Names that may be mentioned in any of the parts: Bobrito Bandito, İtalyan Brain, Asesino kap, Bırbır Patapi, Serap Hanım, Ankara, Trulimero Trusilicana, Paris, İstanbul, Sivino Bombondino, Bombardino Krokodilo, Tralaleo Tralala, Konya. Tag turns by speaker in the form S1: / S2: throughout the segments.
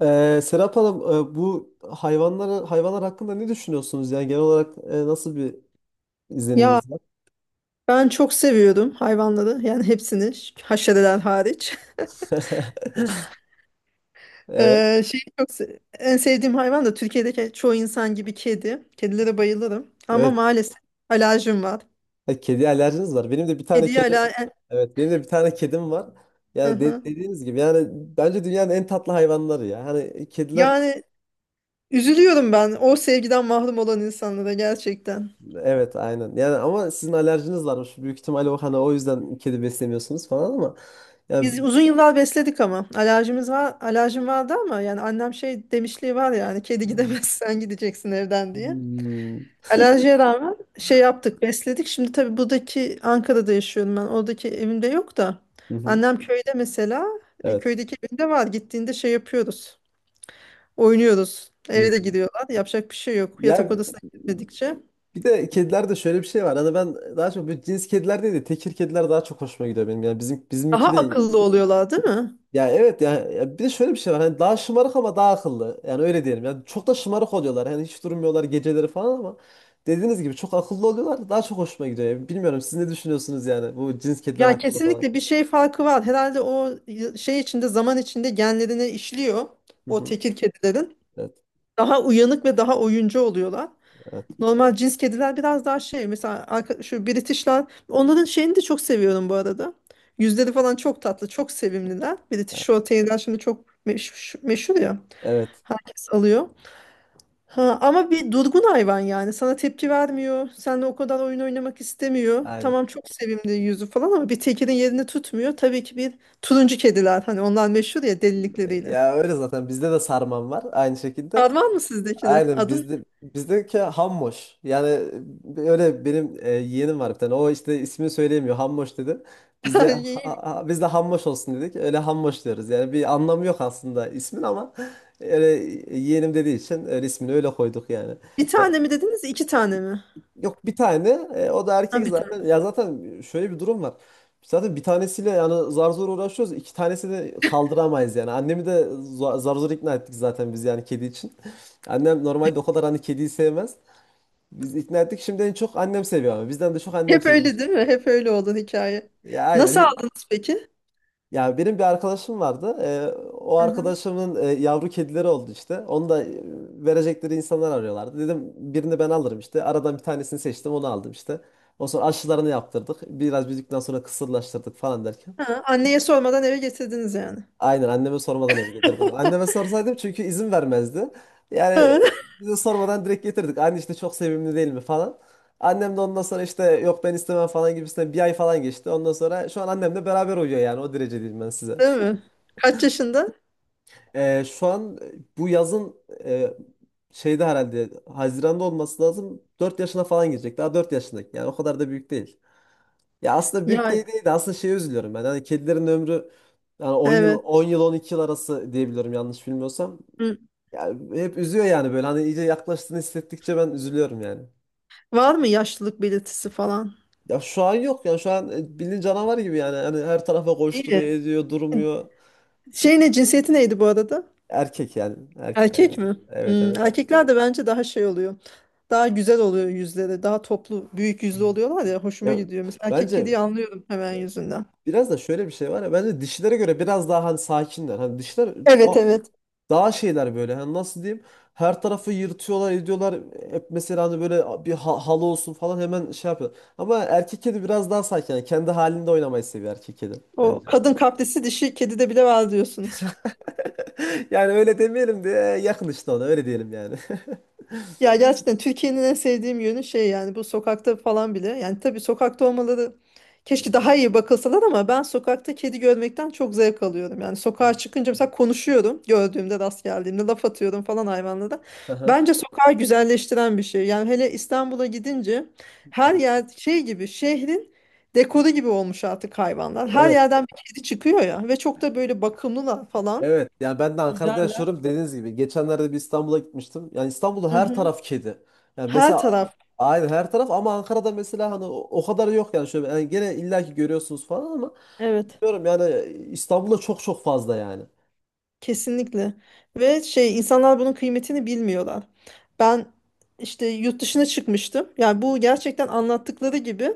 S1: Serap Hanım, bu hayvanlar hakkında ne düşünüyorsunuz? Yani genel olarak nasıl bir
S2: Ya
S1: izleniminiz var?
S2: ben çok seviyordum hayvanları. Yani hepsini haşereler hariç.
S1: Evet,
S2: Şeyi çok en sevdiğim hayvan da Türkiye'deki çoğu insan gibi kedi. Kedilere bayılırım. Ama
S1: evet.
S2: maalesef alerjim var.
S1: Ha, kedi alerjiniz var. Benim de bir tane
S2: Kediye
S1: kedi,
S2: ala e-
S1: evet, benim de bir tane kedim var.
S2: Hı
S1: Yani
S2: hı.
S1: dediğiniz gibi, yani bence dünyanın en tatlı hayvanları ya. Hani kediler,
S2: Yani üzülüyorum ben o sevgiden mahrum olan insanlara gerçekten.
S1: evet, aynen. Yani ama sizin alerjiniz varmış. Büyük ihtimalle o hani o yüzden kedi beslemiyorsunuz falan ama yani.
S2: Biz uzun yıllar besledik ama alerjimiz var, alerjim vardı ama yani annem şey demişliği var ya hani kedi gidemez sen gideceksin evden diye.
S1: Hmm.
S2: Alerjiye rağmen şey yaptık, besledik. Şimdi tabii buradaki Ankara'da yaşıyorum ben. Oradaki evimde yok da.
S1: Hı hı.
S2: Annem köyde mesela.
S1: Evet.
S2: Köydeki evinde var. Gittiğinde şey yapıyoruz. Oynuyoruz.
S1: Hı.
S2: Eve de gidiyorlar. Yapacak bir şey yok.
S1: Ya,
S2: Yatak odasına gitmedikçe.
S1: bir de kedilerde şöyle bir şey var. Hani ben daha çok bu cins kediler değil de tekir kediler daha çok hoşuma gidiyor benim. Yani bizim
S2: Daha
S1: bizimki de
S2: akıllı oluyorlar, değil mi?
S1: ya evet ya, ya bir de şöyle bir şey var. Hani daha şımarık ama daha akıllı. Yani öyle diyelim. Yani çok da şımarık oluyorlar. Hani hiç durmuyorlar geceleri falan ama dediğiniz gibi çok akıllı oluyorlar. Daha çok hoşuma gidiyor. Yani bilmiyorum siz ne düşünüyorsunuz yani bu cins kediler
S2: Ya
S1: hakkında falan.
S2: kesinlikle bir şey farkı var. Herhalde o şey içinde zaman içinde genlerine işliyor.
S1: Hı
S2: O
S1: hı.
S2: tekir kedilerin.
S1: Evet.
S2: Daha uyanık ve daha oyuncu oluyorlar.
S1: Evet.
S2: Normal cins kediler biraz daha şey mesela şu British'ler onların şeyini de çok seviyorum bu arada. Yüzleri falan çok tatlı, çok sevimliler. British
S1: Evet.
S2: Shorthair'ler şimdi çok meşhur, meşhur ya.
S1: Evet,
S2: Herkes alıyor. Ha, ama bir durgun hayvan yani. Sana tepki vermiyor. Seninle o kadar oyun oynamak istemiyor.
S1: aynen.
S2: Tamam çok sevimli yüzü falan ama bir tekirin yerini tutmuyor. Tabii ki bir turuncu kediler. Hani onlar meşhur ya delilikleriyle.
S1: Ya öyle zaten bizde de sarmam var aynı şekilde.
S2: Var mı sizdeki de?
S1: Aynen
S2: Adın
S1: bizdeki Hammoş. Yani öyle benim yeğenim var bir tane. O işte ismini söyleyemiyor. Hammoş dedi. Biz de
S2: İyiymiş.
S1: biz de Hammoş olsun dedik. Öyle Hammoş diyoruz. Yani bir anlamı yok aslında ismin ama öyle yeğenim dediği için öyle ismini öyle koyduk yani.
S2: Bir tane mi dediniz? İki tane mi?
S1: Yok, bir tane. E, o da
S2: Ha,
S1: erkek
S2: bir.
S1: zaten. Ya zaten şöyle bir durum var. Zaten bir tanesiyle yani zar zor uğraşıyoruz. İki tanesini de kaldıramayız yani. Annemi de zar zor ikna ettik zaten biz yani kedi için. Annem normalde o kadar hani kediyi sevmez. Biz ikna ettik. Şimdi en çok annem seviyor ama. Bizden de çok annem
S2: Hep
S1: seviyor.
S2: öyle değil mi? Hep öyle olan hikaye.
S1: Ya
S2: Nasıl
S1: aynen.
S2: aldınız peki?
S1: Ya benim bir arkadaşım vardı. O
S2: Hı hı.
S1: arkadaşımın yavru kedileri oldu işte. Onu da verecekleri insanlar arıyorlardı. Dedim birini ben alırım işte. Aradan bir tanesini seçtim onu aldım işte. O sonra aşılarını yaptırdık. Biraz büyüdükten sonra kısırlaştırdık falan derken.
S2: Ha, anneye sormadan eve getirdiniz yani.
S1: Aynen anneme sormadan eve getirdim. Anneme sorsaydım çünkü izin vermezdi. Yani
S2: Ha,
S1: bize sormadan direkt getirdik. Anne işte çok sevimli değil mi falan. Annem de ondan sonra işte yok ben istemem falan gibisinden bir ay falan geçti. Ondan sonra şu an annemle beraber uyuyor yani o derece diyeyim ben size.
S2: değil mi? Kaç yaşında?
S1: Şu an bu yazın e, şeyde herhalde Haziran'da olması lazım. Dört yaşına falan girecek. Daha 4 yaşındaki. Yani o kadar da büyük değil. Ya aslında büyük
S2: Yani
S1: değil de aslında şeye üzülüyorum ben. Hani kedilerin ömrü yani on yıl
S2: evet.
S1: on yıl 12 yıl arası diyebiliyorum yanlış bilmiyorsam.
S2: Hı.
S1: Yani hep üzüyor yani böyle hani iyice yaklaştığını hissettikçe ben üzülüyorum yani.
S2: Var mı yaşlılık belirtisi falan?
S1: Ya şu an yok. Ya şu an bildiğin canavar gibi yani. Hani her tarafa
S2: İyi.
S1: koşturuyor, ediyor, durmuyor.
S2: Şey ne, cinsiyeti neydi bu arada?
S1: Erkek yani. Erkek yani.
S2: Erkek mi?
S1: Evet,
S2: Hmm,
S1: evet.
S2: erkekler de bence daha şey oluyor. Daha güzel oluyor yüzleri. Daha toplu, büyük
S1: Hı.
S2: yüzlü oluyorlar ya. Hoşuma
S1: Ya,
S2: gidiyor. Mesela erkek
S1: bence
S2: kediyi anlıyorum hemen yüzünden.
S1: biraz da şöyle bir şey var ya bence dişilere göre biraz daha hani sakinler. Hani dişiler
S2: Evet,
S1: o
S2: evet.
S1: daha şeyler böyle. Hani nasıl diyeyim? Her tarafı yırtıyorlar, ediyorlar. Hep mesela hani böyle bir halı olsun falan hemen şey yapıyor. Ama erkek kedi biraz daha sakin. Yani kendi halinde oynamayı seviyor erkek kedi bence.
S2: O kadın kaprisi dişi kedide bile var diyorsunuz.
S1: Yani öyle demeyelim de yakın işte ona öyle diyelim yani.
S2: Ya gerçekten Türkiye'nin en sevdiğim yönü şey yani bu sokakta falan bile. Yani tabii sokakta olmaları, keşke daha iyi bakılsalar ama ben sokakta kedi görmekten çok zevk alıyorum. Yani sokağa çıkınca mesela konuşuyorum, gördüğümde rast geldiğimde laf atıyorum falan hayvanlara.
S1: Aha.
S2: Bence sokağı güzelleştiren bir şey. Yani hele İstanbul'a gidince her yer şey gibi, şehrin dekoru gibi olmuş artık hayvanlar. Her
S1: Evet.
S2: yerden bir kedi çıkıyor ya, ve çok da böyle bakımlılar falan.
S1: Evet yani ben de Ankara'da yaşıyorum dediğiniz gibi. Geçenlerde bir İstanbul'a gitmiştim. Yani İstanbul'da
S2: Hı
S1: her
S2: hı.
S1: taraf kedi. Yani
S2: Her
S1: mesela
S2: taraf.
S1: aynı her taraf ama Ankara'da mesela hani o, o kadar yok yani şöyle yani gene illaki görüyorsunuz falan ama
S2: Evet.
S1: diyorum yani İstanbul'da çok fazla yani.
S2: Kesinlikle. Ve şey, insanlar bunun kıymetini bilmiyorlar. Ben işte yurt dışına çıkmıştım. Yani bu gerçekten anlattıkları gibi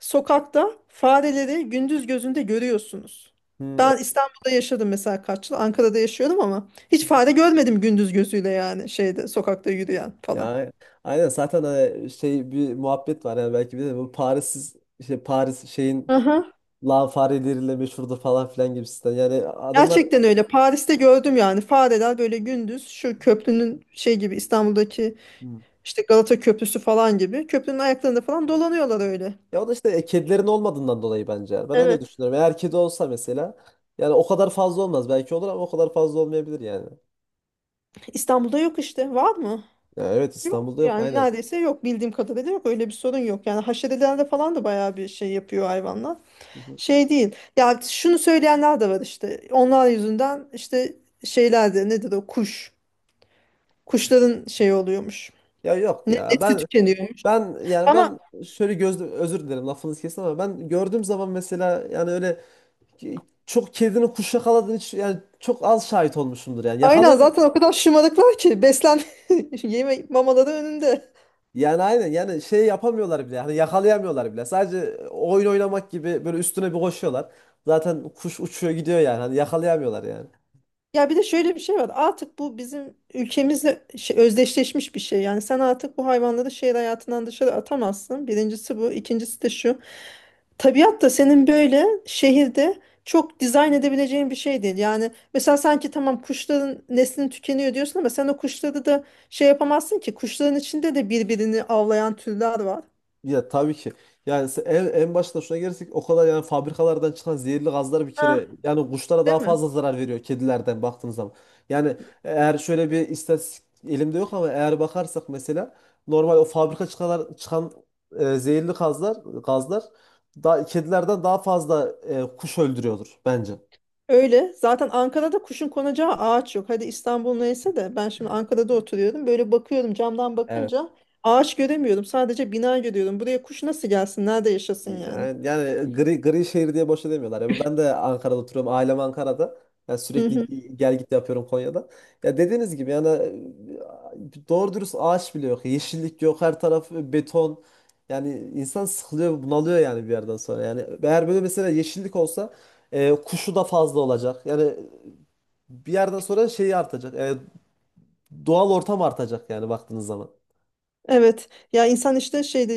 S2: sokakta fareleri gündüz gözünde görüyorsunuz.
S1: Hmm, hı,
S2: Ben İstanbul'da yaşadım mesela kaç yıl. Ankara'da yaşıyorum ama hiç fare görmedim gündüz gözüyle yani şeyde, sokakta yürüyen falan.
S1: yani aynen zaten hani şey bir muhabbet var yani belki bir de bu Paris'siz şey Paris şeyin
S2: Aha.
S1: lan fareleriyle meşhurdu falan filan gibisinden. Yani adamlar.
S2: Gerçekten öyle. Paris'te gördüm yani fareler böyle gündüz şu köprünün şey gibi, İstanbul'daki işte Galata Köprüsü falan gibi köprünün ayaklarında falan dolanıyorlar öyle.
S1: Ya o da işte kedilerin olmadığından dolayı bence. Yani. Ben öyle
S2: Evet.
S1: düşünüyorum. Eğer kedi olsa mesela yani o kadar fazla olmaz. Belki olur ama o kadar fazla olmayabilir yani.
S2: İstanbul'da yok işte. Var mı?
S1: Ya evet
S2: Yok.
S1: İstanbul'da yok
S2: Yani
S1: aynen.
S2: neredeyse yok. Bildiğim kadarıyla yok. Öyle bir sorun yok. Yani haşerelerde falan da bayağı bir şey yapıyor hayvanlar.
S1: Hı hı.
S2: Şey değil. Ya şunu söyleyenler de var işte. Onlar yüzünden işte şeylerde, nedir o kuş. Kuşların şey oluyormuş.
S1: Ya yok
S2: Ne,
S1: ya.
S2: nesli
S1: Ben
S2: tükeniyormuş.
S1: ben yani
S2: Ama
S1: ben şöyle gözlü özür dilerim lafınızı kesin ama ben gördüğüm zaman mesela yani öyle çok kedinin kuş yakaladığını hiç yani çok az şahit olmuşumdur yani.
S2: aynen,
S1: Yakalayamıyor.
S2: zaten o kadar şımarıklar ki beslen yeme mamaları önünde.
S1: Yani aynen yani şey yapamıyorlar bile. Hani yakalayamıyorlar bile. Sadece oyun oynamak gibi böyle üstüne bir koşuyorlar. Zaten kuş uçuyor gidiyor yani. Hani yakalayamıyorlar yani.
S2: Ya bir de şöyle bir şey var. Artık bu bizim ülkemizle özdeşleşmiş bir şey. Yani sen artık bu hayvanları şehir hayatından dışarı atamazsın. Birincisi bu. İkincisi de şu. Tabiat da senin böyle şehirde çok dizayn edebileceğin bir şey değil. Yani mesela sanki tamam kuşların neslini tükeniyor diyorsun ama sen o kuşları da şey yapamazsın ki. Kuşların içinde de birbirini avlayan türler var.
S1: Ya tabii ki. Yani en başta şuna gelirsek o kadar yani fabrikalardan çıkan zehirli gazlar bir
S2: Ha.
S1: kere yani kuşlara
S2: Değil
S1: daha
S2: mi?
S1: fazla zarar veriyor kedilerden baktığınız zaman. Yani eğer şöyle bir istatistik elimde yok ama eğer bakarsak mesela normal o fabrika çıkan zehirli gazlar da kedilerden daha fazla kuş öldürüyordur bence.
S2: Öyle. Zaten Ankara'da kuşun konacağı ağaç yok. Hadi İstanbul neyse de ben şimdi Ankara'da oturuyorum. Böyle bakıyorum, camdan
S1: Evet.
S2: bakınca ağaç göremiyorum. Sadece bina görüyorum. Buraya kuş nasıl gelsin? Nerede yaşasın yani?
S1: Yani, yani gri şehir diye boşa demiyorlar. Ya ben de Ankara'da oturuyorum. Ailem Ankara'da. Yani
S2: Hı
S1: sürekli
S2: hı.
S1: gel git yapıyorum Konya'da. Ya dediğiniz gibi yani doğru dürüst ağaç bile yok. Yeşillik yok. Her taraf beton. Yani insan sıkılıyor, bunalıyor yani bir yerden sonra. Yani eğer böyle mesela yeşillik olsa kuşu da fazla olacak. Yani bir yerden sonra şeyi artacak. Doğal ortam artacak yani baktığınız zaman.
S2: Evet. Ya insan işte şeyde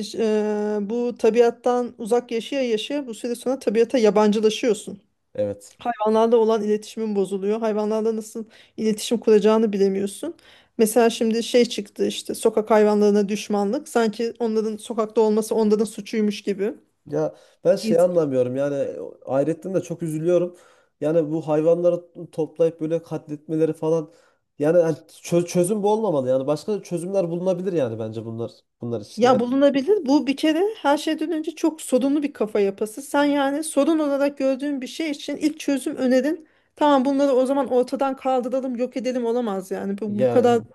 S2: bu tabiattan uzak yaşaya yaşaya bu süre sonra tabiata yabancılaşıyorsun.
S1: Evet.
S2: Hayvanlarla olan iletişimin bozuluyor. Hayvanlarla nasıl iletişim kuracağını bilemiyorsun. Mesela şimdi şey çıktı işte, sokak hayvanlarına düşmanlık. Sanki onların sokakta olması onların suçuymuş gibi.
S1: Ya ben şey
S2: Biz-
S1: anlamıyorum yani ayrıca de çok üzülüyorum. Yani bu hayvanları toplayıp böyle katletmeleri falan yani hani çözüm bu olmamalı yani başka çözümler bulunabilir yani bence bunlar için.
S2: Ya
S1: Yani
S2: bulunabilir. Bu bir kere her şeyden önce çok sorunlu bir kafa yapısı. Sen yani sorun olarak gördüğün bir şey için ilk çözüm önerin. Tamam bunları o zaman ortadan kaldıralım, yok edelim, olamaz yani. Bu kadar
S1: yani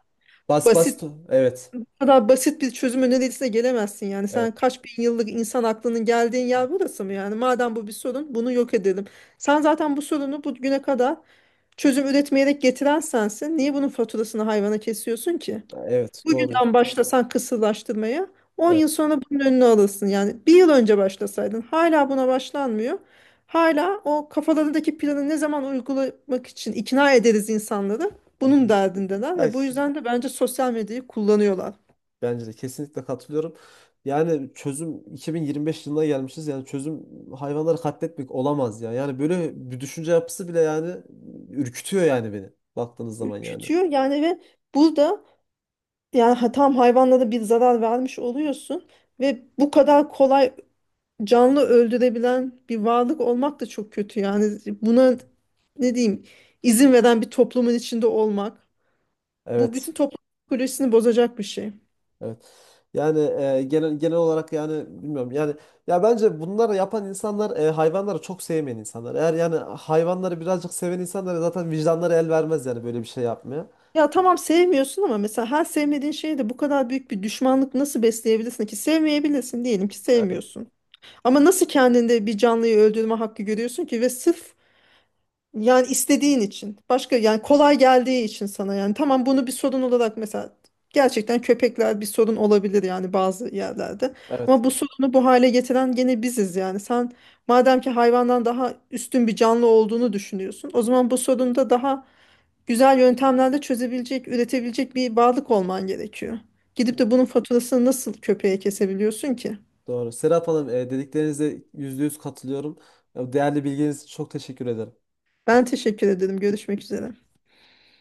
S1: bas bas
S2: basit
S1: evet
S2: kadar basit bir çözüm önerisine gelemezsin yani.
S1: evet,
S2: Sen kaç bin yıllık insan aklının geldiğin yer burası mı yani? Madem bu bir sorun, bunu yok edelim. Sen zaten bu sorunu bugüne kadar çözüm üretmeyerek getiren sensin. Niye bunun faturasını hayvana kesiyorsun ki?
S1: evet, doğru.
S2: Bugünden başlasan kısırlaştırmaya, on
S1: Evet.
S2: yıl sonra bunun önünü alırsın. Yani bir yıl önce başlasaydın, hala buna başlanmıyor. Hala o kafalarındaki planı ne zaman uygulamak için ikna ederiz insanları,
S1: Hı
S2: bunun
S1: hı.
S2: derdindeler
S1: Ya,
S2: ve bu
S1: işte
S2: yüzden de bence sosyal medyayı kullanıyorlar.
S1: bence de kesinlikle katılıyorum. Yani çözüm 2025 yılına gelmişiz. Yani çözüm hayvanları katletmek olamaz ya. Yani böyle bir düşünce yapısı bile yani ürkütüyor yani beni baktığınız zaman yani.
S2: Ürkütüyor yani, ve burada yani tam hayvanla da bir zarar vermiş oluyorsun ve bu kadar kolay canlı öldürebilen bir varlık olmak da çok kötü yani, buna ne diyeyim, izin veren bir toplumun içinde olmak bu bütün
S1: Evet.
S2: toplum psikolojisini bozacak bir şey.
S1: Evet. Yani genel olarak yani bilmiyorum. Yani ya bence bunları yapan insanlar hayvanları çok sevmeyen insanlar. Eğer yani hayvanları birazcık seven insanlar zaten vicdanları el vermez yani böyle bir şey yapmaya.
S2: Ya tamam sevmiyorsun ama mesela her sevmediğin şeye de bu kadar büyük bir düşmanlık nasıl besleyebilirsin ki? Sevmeyebilirsin, diyelim ki
S1: E,
S2: sevmiyorsun. Ama nasıl kendinde bir canlıyı öldürme hakkı görüyorsun ki ve sırf, yani istediğin için. Başka, yani kolay geldiği için sana yani. Tamam, bunu bir sorun olarak mesela gerçekten köpekler bir sorun olabilir yani bazı yerlerde.
S1: Evet,
S2: Ama bu sorunu bu hale getiren gene biziz yani. Sen madem ki hayvandan daha üstün bir canlı olduğunu düşünüyorsun. O zaman bu sorunu da daha güzel yöntemlerle çözebilecek, üretebilecek bir varlık olman gerekiyor. Gidip de bunun faturasını nasıl köpeğe kesebiliyorsun ki?
S1: doğru. Serap Hanım dediklerinize yüzde yüz katılıyorum. Değerli bilginiz için çok teşekkür ederim.
S2: Ben teşekkür ederim. Görüşmek üzere.